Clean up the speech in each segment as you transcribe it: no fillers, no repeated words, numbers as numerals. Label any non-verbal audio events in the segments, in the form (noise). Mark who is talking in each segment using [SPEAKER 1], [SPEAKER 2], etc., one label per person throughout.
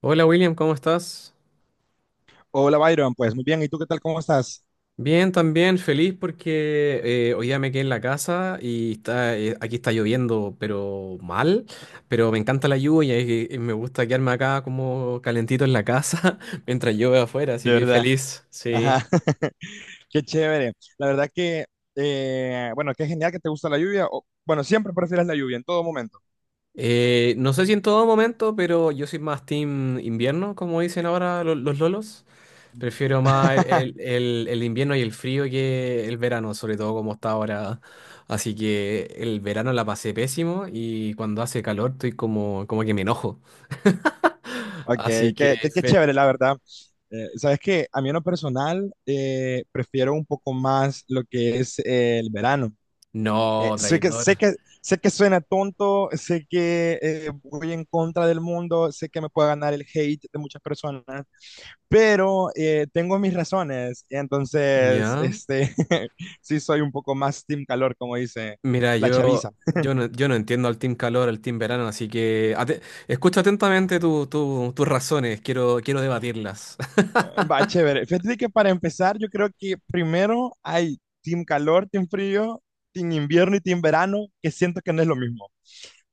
[SPEAKER 1] Hola William, ¿cómo estás?
[SPEAKER 2] Hola Byron, pues muy bien, ¿y tú qué tal? ¿Cómo estás?
[SPEAKER 1] Bien, también feliz porque hoy día me quedé en la casa y está, aquí está lloviendo, pero mal, pero me encanta la lluvia y me gusta quedarme acá como calentito en la casa (laughs) mientras llueve afuera, así
[SPEAKER 2] De
[SPEAKER 1] que
[SPEAKER 2] verdad,
[SPEAKER 1] feliz, sí.
[SPEAKER 2] ajá, (laughs) qué chévere. La verdad que, bueno, qué genial que te gusta la lluvia. Bueno, siempre prefieres la lluvia, en todo momento.
[SPEAKER 1] No sé si en todo momento, pero yo soy más team invierno, como dicen ahora los lolos. Prefiero más el, el-
[SPEAKER 2] (laughs)
[SPEAKER 1] el- el invierno y el frío que el verano, sobre todo como está ahora. Así que el verano la pasé pésimo y cuando hace calor estoy como que me enojo.
[SPEAKER 2] Ok,
[SPEAKER 1] Así que...
[SPEAKER 2] qué chévere, la verdad. Sabes que a mí en lo personal prefiero un poco más lo que es el verano. Eh,
[SPEAKER 1] No,
[SPEAKER 2] sé que,
[SPEAKER 1] traidor.
[SPEAKER 2] sé que, sé que suena tonto, sé que voy en contra del mundo, sé que me puede ganar el hate de muchas personas, pero tengo mis razones, entonces,
[SPEAKER 1] Ya.
[SPEAKER 2] (laughs) sí soy un poco más team calor, como dice
[SPEAKER 1] Mira,
[SPEAKER 2] la chaviza.
[SPEAKER 1] yo no entiendo al team calor, al team verano, así que escucha atentamente tus razones, quiero debatirlas. (laughs)
[SPEAKER 2] Eh, Va, chévere. Fíjate que para empezar, yo creo que primero hay team calor, team frío, team invierno y team verano, que siento que no es lo mismo,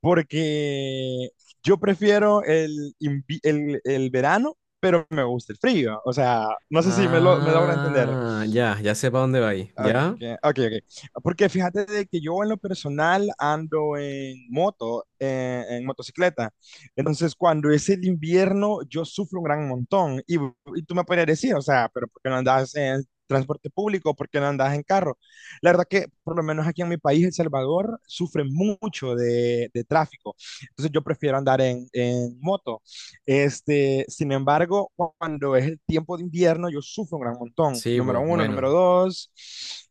[SPEAKER 2] porque yo prefiero el verano, pero me gusta el frío, o sea, no sé si me logro entender.
[SPEAKER 1] Ah, ya, ya sé para dónde va ahí.
[SPEAKER 2] Ok,
[SPEAKER 1] ¿Ya?
[SPEAKER 2] ok. Porque fíjate de que yo en lo personal ando en moto, en motocicleta. Entonces, cuando es el invierno, yo sufro un gran montón. Y tú me podrías decir, o sea, pero ¿por qué no andas en transporte público? ¿Por qué no andas en carro? La verdad que, por lo menos aquí en mi país, El Salvador, sufre mucho de tráfico. Entonces, yo prefiero andar en moto. Sin embargo, cuando es el tiempo de invierno, yo sufro un gran montón.
[SPEAKER 1] Sí,
[SPEAKER 2] Número
[SPEAKER 1] pues,
[SPEAKER 2] uno, número
[SPEAKER 1] bueno.
[SPEAKER 2] dos,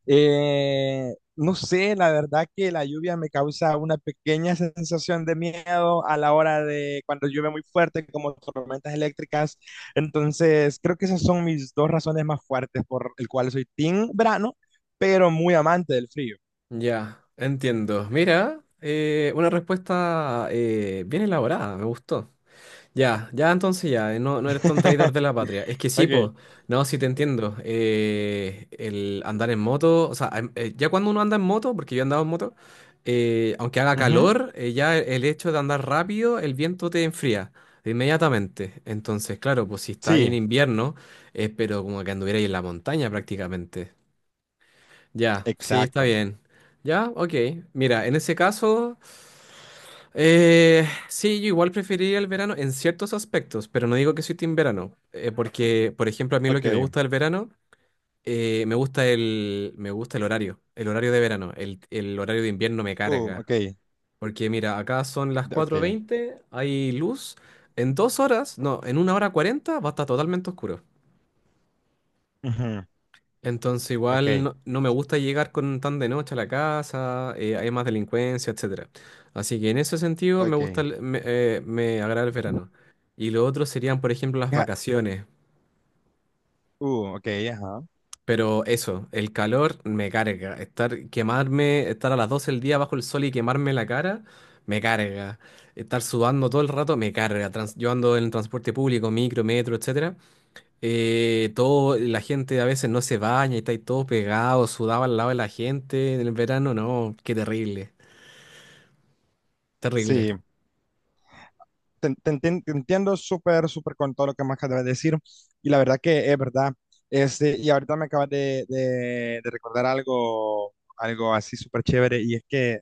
[SPEAKER 2] no sé, la verdad que la lluvia me causa una pequeña sensación de miedo a la hora de cuando llueve muy fuerte, como tormentas eléctricas. Entonces, creo que esas son mis dos razones más fuertes por el cual soy team verano, pero muy amante del frío.
[SPEAKER 1] Ya, entiendo. Mira, una respuesta bien elaborada, me gustó. Ya, ya entonces ya, no eres tan traidor
[SPEAKER 2] (laughs)
[SPEAKER 1] de la patria. Es que sí,
[SPEAKER 2] Ok.
[SPEAKER 1] po, no, sí te entiendo. El andar en moto, o sea, ya cuando uno anda en moto, porque yo he andado en moto, aunque haga
[SPEAKER 2] Ujú.
[SPEAKER 1] calor, ya el hecho de andar rápido, el viento te enfría inmediatamente. Entonces, claro, pues si está ahí en
[SPEAKER 2] Sí,
[SPEAKER 1] invierno, es pero como que anduvierais en la montaña prácticamente. Ya, sí, está
[SPEAKER 2] exacto.
[SPEAKER 1] bien. Ya, ok. Mira, en ese caso, sí, yo igual preferiría el verano en ciertos aspectos, pero no digo que soy team verano, porque, por ejemplo, a mí lo
[SPEAKER 2] Ok.
[SPEAKER 1] que me gusta del verano, me gusta el horario, el horario de verano, el horario de invierno me carga,
[SPEAKER 2] Ok.
[SPEAKER 1] porque mira, acá son las cuatro
[SPEAKER 2] Ok.
[SPEAKER 1] veinte, hay luz, en 2 horas, no, en 1 hora 40, va a estar totalmente oscuro.
[SPEAKER 2] Ujú.
[SPEAKER 1] Entonces igual
[SPEAKER 2] Ok.
[SPEAKER 1] no me gusta llegar con tan de noche a la casa, hay más delincuencia, etcétera. Así que en ese sentido me gusta,
[SPEAKER 2] Ok.
[SPEAKER 1] me agrada el verano. Y lo otro serían, por ejemplo, las
[SPEAKER 2] Ja-
[SPEAKER 1] vacaciones.
[SPEAKER 2] Ok, ajá.
[SPEAKER 1] Pero eso, el calor me carga. Estar, quemarme, estar a las 12 del día bajo el sol y quemarme la cara, me carga. Estar sudando todo el rato, me carga. Yo ando en transporte público, micro, metro, etcétera. Todo, la gente a veces no se baña y está ahí todo pegado, sudaba al lado de la gente en el verano, no, qué terrible, terrible.
[SPEAKER 2] Sí, te entiendo súper, súper con todo lo que me acabas de decir. Y la verdad que es verdad. Y ahorita me acabas de recordar algo, algo así súper chévere. Y es que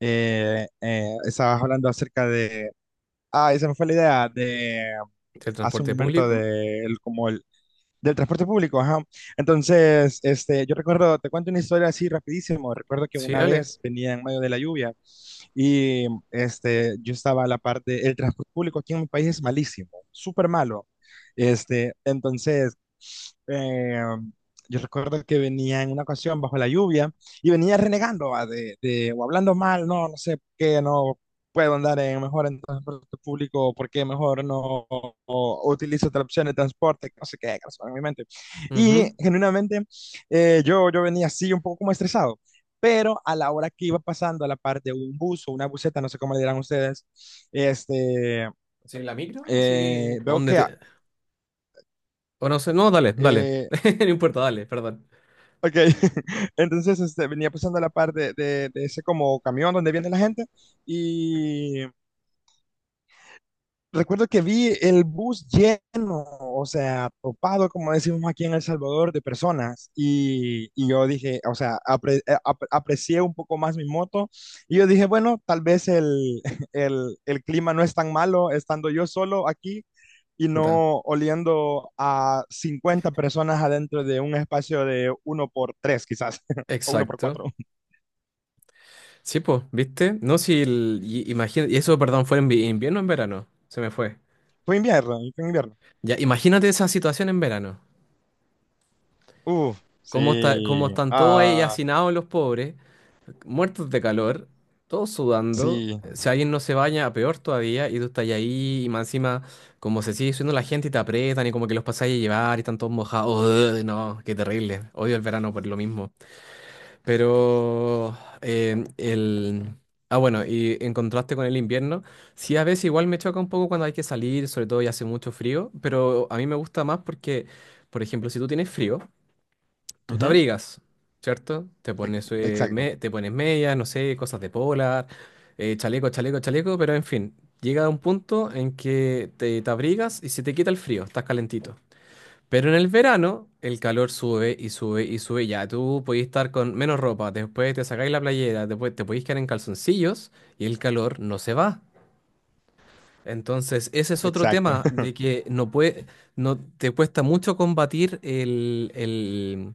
[SPEAKER 2] estabas hablando acerca de. Ah, esa me fue la idea de
[SPEAKER 1] ¿El
[SPEAKER 2] hace un
[SPEAKER 1] transporte
[SPEAKER 2] momento
[SPEAKER 1] público?
[SPEAKER 2] de, el- como el, del transporte público, ajá. Entonces, yo recuerdo, te cuento una historia así rapidísimo. Recuerdo que
[SPEAKER 1] Sí,
[SPEAKER 2] una
[SPEAKER 1] dale.
[SPEAKER 2] vez venía en medio de la lluvia. Y yo estaba a la parte, el transporte público aquí en mi país es malísimo, súper malo. Este, entonces eh, yo recuerdo que venía en una ocasión bajo la lluvia y venía renegando va, o hablando mal, no, no sé por qué no puedo andar en mejor en transporte público, por qué mejor no o utilizo otra opción de transporte, que no sé qué, que no sé, en mi mente. Y
[SPEAKER 1] Ujú.
[SPEAKER 2] genuinamente yo venía así un poco como estresado, pero a la hora que iba pasando a la parte de un bus o una buseta, no sé cómo le dirán ustedes, este,
[SPEAKER 1] ¿Sí, la micro? Sí.
[SPEAKER 2] veo
[SPEAKER 1] ¿Dónde
[SPEAKER 2] que...
[SPEAKER 1] te...? O no sé, no, dale, dale.
[SPEAKER 2] eh,
[SPEAKER 1] (laughs) No importa, dale, perdón.
[SPEAKER 2] Ok, (laughs) entonces venía pasando a la par de ese como camión donde viene la gente y recuerdo que vi el bus lleno, o sea, topado, como decimos aquí en El Salvador, de personas y yo dije, o sea, aprecié un poco más mi moto y yo dije, bueno, tal vez (laughs) el clima no es tan malo estando yo solo aquí. Y
[SPEAKER 1] Puta.
[SPEAKER 2] no oliendo a 50 personas adentro de un espacio de uno por tres, quizás, (laughs) o uno por cuatro.
[SPEAKER 1] Exacto. Sí, pues, ¿viste? No, si el... y- imagina- y eso, perdón, fue en invierno o en verano, se me fue.
[SPEAKER 2] Fue invierno, y fue invierno.
[SPEAKER 1] Ya, imagínate esa situación en verano.
[SPEAKER 2] Uf,
[SPEAKER 1] ¿Cómo está, cómo
[SPEAKER 2] sí.
[SPEAKER 1] están todos ahí
[SPEAKER 2] Ah,
[SPEAKER 1] hacinados los pobres? Muertos de calor, todos sudando.
[SPEAKER 2] sí.
[SPEAKER 1] Si alguien no se baña, peor todavía, y tú estás ahí, y más encima, como se sigue subiendo la gente y te aprietan, y como que los pasáis a llevar y están todos mojados. Ugh, no, qué terrible. Odio el verano por lo mismo. Pero el. Ah, bueno, y en contraste con el invierno, sí a veces igual me choca un poco cuando hay que salir, sobre todo y hace mucho frío, pero a mí me gusta más porque, por ejemplo, si tú tienes frío, tú te
[SPEAKER 2] Ujú.
[SPEAKER 1] abrigas, ¿cierto? Te pones,
[SPEAKER 2] Exacto,
[SPEAKER 1] te pones medias, no sé, cosas de polar, chaleco, chaleco, chaleco, pero en fin, llega un punto en que te abrigas y se te quita el frío, estás calentito. Pero en el verano, el calor sube y sube y sube. Ya tú podés estar con menos ropa, después te sacáis la playera, después te podéis quedar en calzoncillos y el calor no se va. Entonces, ese es otro
[SPEAKER 2] exacto.
[SPEAKER 1] tema de que no puede, no te cuesta mucho combatir el, el-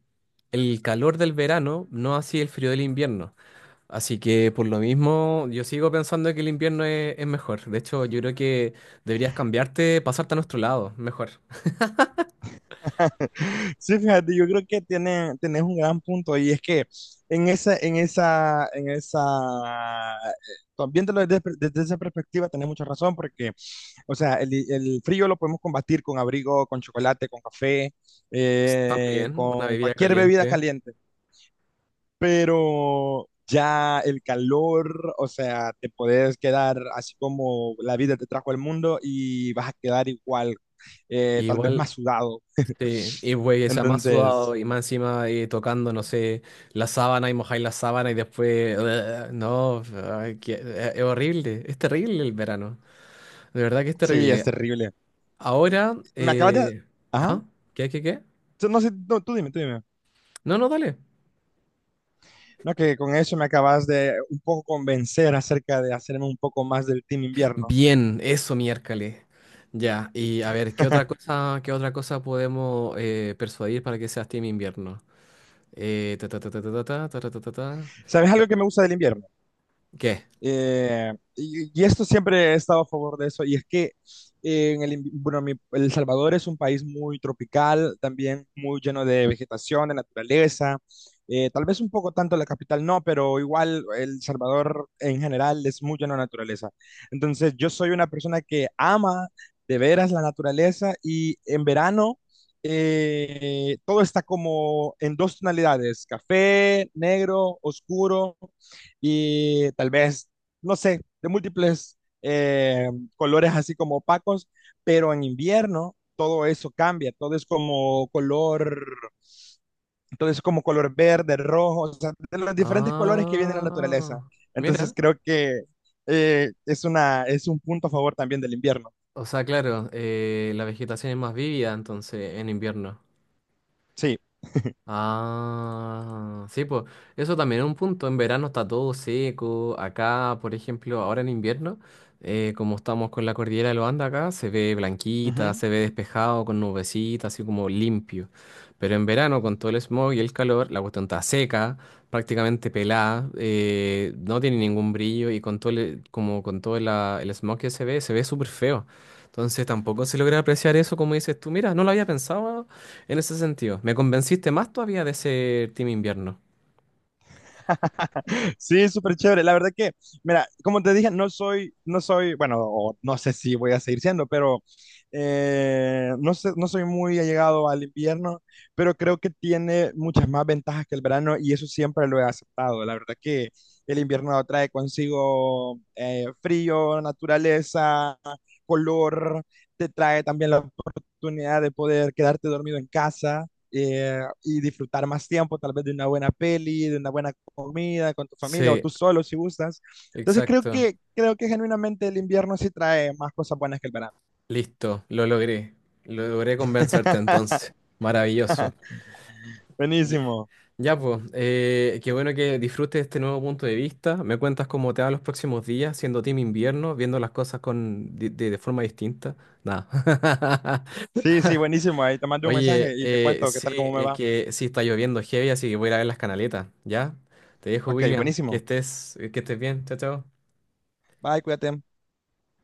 [SPEAKER 1] el calor del verano, no así el frío del invierno. Así que por lo mismo, yo sigo pensando que el invierno es mejor. De hecho, yo creo que deberías cambiarte, pasarte a nuestro lado, mejor.
[SPEAKER 2] (laughs) Sí, fíjate, yo creo que tiene, tenés un gran punto y es que en esa, también desde, desde esa perspectiva tenés mucha razón porque, o sea, el frío lo podemos combatir con abrigo, con chocolate, con café,
[SPEAKER 1] También, una
[SPEAKER 2] con
[SPEAKER 1] bebida
[SPEAKER 2] cualquier bebida
[SPEAKER 1] caliente.
[SPEAKER 2] caliente. Pero ya el calor, o sea, te puedes quedar así como la vida te trajo al mundo y vas a quedar igual, tal vez más
[SPEAKER 1] Igual,
[SPEAKER 2] sudado.
[SPEAKER 1] sí, y güey, o sea, más sudado
[SPEAKER 2] Entonces,
[SPEAKER 1] y más encima tocando, no sé, la sábana y mojáis la sábana y después. (laughs) No, ay, es horrible, es terrible el verano, de verdad que es
[SPEAKER 2] sí, es
[SPEAKER 1] terrible.
[SPEAKER 2] terrible. Y-
[SPEAKER 1] Ahora,
[SPEAKER 2] Me acabas de... Ajá.
[SPEAKER 1] ¿ah? ¿Qué, qué, qué?
[SPEAKER 2] No sé, no, tú dime, tú dime.
[SPEAKER 1] No, no, dale.
[SPEAKER 2] No, que con eso me acabas de un poco convencer acerca de hacerme un poco más del team invierno.
[SPEAKER 1] Bien, eso miércoles. Ya, y a ver, ¿qué otra
[SPEAKER 2] (laughs)
[SPEAKER 1] cosa, qué otra cosa podemos persuadir para que sea Team Invierno? Ta, ta, ta, ta, ta, ta, ta, ta, ta, ta, ta.
[SPEAKER 2] ¿Sabes algo
[SPEAKER 1] Bueno,
[SPEAKER 2] que me gusta del invierno?
[SPEAKER 1] ¿qué?
[SPEAKER 2] Y esto siempre he estado a favor de eso, y es que bueno, El Salvador es un país muy tropical, también muy lleno de vegetación, de naturaleza, tal vez un poco tanto la capital no, pero igual El Salvador en general es muy lleno de naturaleza. Entonces yo soy una persona que ama de veras la naturaleza y en verano todo está como en dos tonalidades, café, negro, oscuro y tal vez no sé, de múltiples colores así como opacos, pero en invierno todo eso cambia, todo es como color, todo es como color verde, rojo, o sea, de los diferentes colores que viene en la naturaleza.
[SPEAKER 1] Ah,
[SPEAKER 2] Entonces
[SPEAKER 1] mira.
[SPEAKER 2] creo que es una, es un punto a favor también del invierno.
[SPEAKER 1] O sea, claro, la vegetación es más vívida entonces en invierno.
[SPEAKER 2] Sí.
[SPEAKER 1] Ah, sí, pues eso también es un punto. En verano está todo seco. Acá, por ejemplo, ahora en invierno, como estamos con la cordillera de los Andes acá, se ve blanquita,
[SPEAKER 2] Ujú.
[SPEAKER 1] se ve despejado con nubecitas, así como limpio. Pero en verano, con todo el smog y el calor, la cuestión está seca, prácticamente pelada, no tiene ningún brillo y con todo el, como con todo el smog que se ve súper feo. Entonces tampoco se logra apreciar eso, como dices tú. Mira, no lo había pensado en ese sentido, me convenciste más todavía de ser Team Invierno.
[SPEAKER 2] (laughs) Sí, súper chévere. La verdad que, mira, como te dije, no soy, bueno, o no sé si voy a seguir siendo, pero no sé, no soy muy allegado al invierno, pero creo que tiene muchas más ventajas que el verano y eso siempre lo he aceptado. La verdad que el invierno trae consigo frío, naturaleza, color, te trae también la oportunidad de poder quedarte dormido en casa y disfrutar más tiempo, tal vez de una buena peli, de una buena comida con tu familia o
[SPEAKER 1] Sí,
[SPEAKER 2] tú solo si gustas. Entonces
[SPEAKER 1] exacto.
[SPEAKER 2] creo que genuinamente el invierno sí trae más cosas buenas que el verano.
[SPEAKER 1] Listo, lo logré. Lo logré convencerte entonces. Maravilloso. Ya,
[SPEAKER 2] Buenísimo.
[SPEAKER 1] ya, pues, qué bueno que disfrutes este nuevo punto de vista. Me cuentas cómo te va los próximos días siendo Team Invierno, viendo las cosas con, de forma distinta. Nada.
[SPEAKER 2] Sí, sí, buenísimo. Ahí te
[SPEAKER 1] (laughs)
[SPEAKER 2] mando un mensaje
[SPEAKER 1] Oye,
[SPEAKER 2] y te cuento qué
[SPEAKER 1] sí,
[SPEAKER 2] tal, cómo me
[SPEAKER 1] es
[SPEAKER 2] va.
[SPEAKER 1] que sí está lloviendo heavy, así que voy a ir a ver las canaletas. ¿Ya? Te dejo,
[SPEAKER 2] Ok,
[SPEAKER 1] William. Que
[SPEAKER 2] buenísimo.
[SPEAKER 1] estés, que estés bien. Chao, chao.
[SPEAKER 2] Bye, cuídate.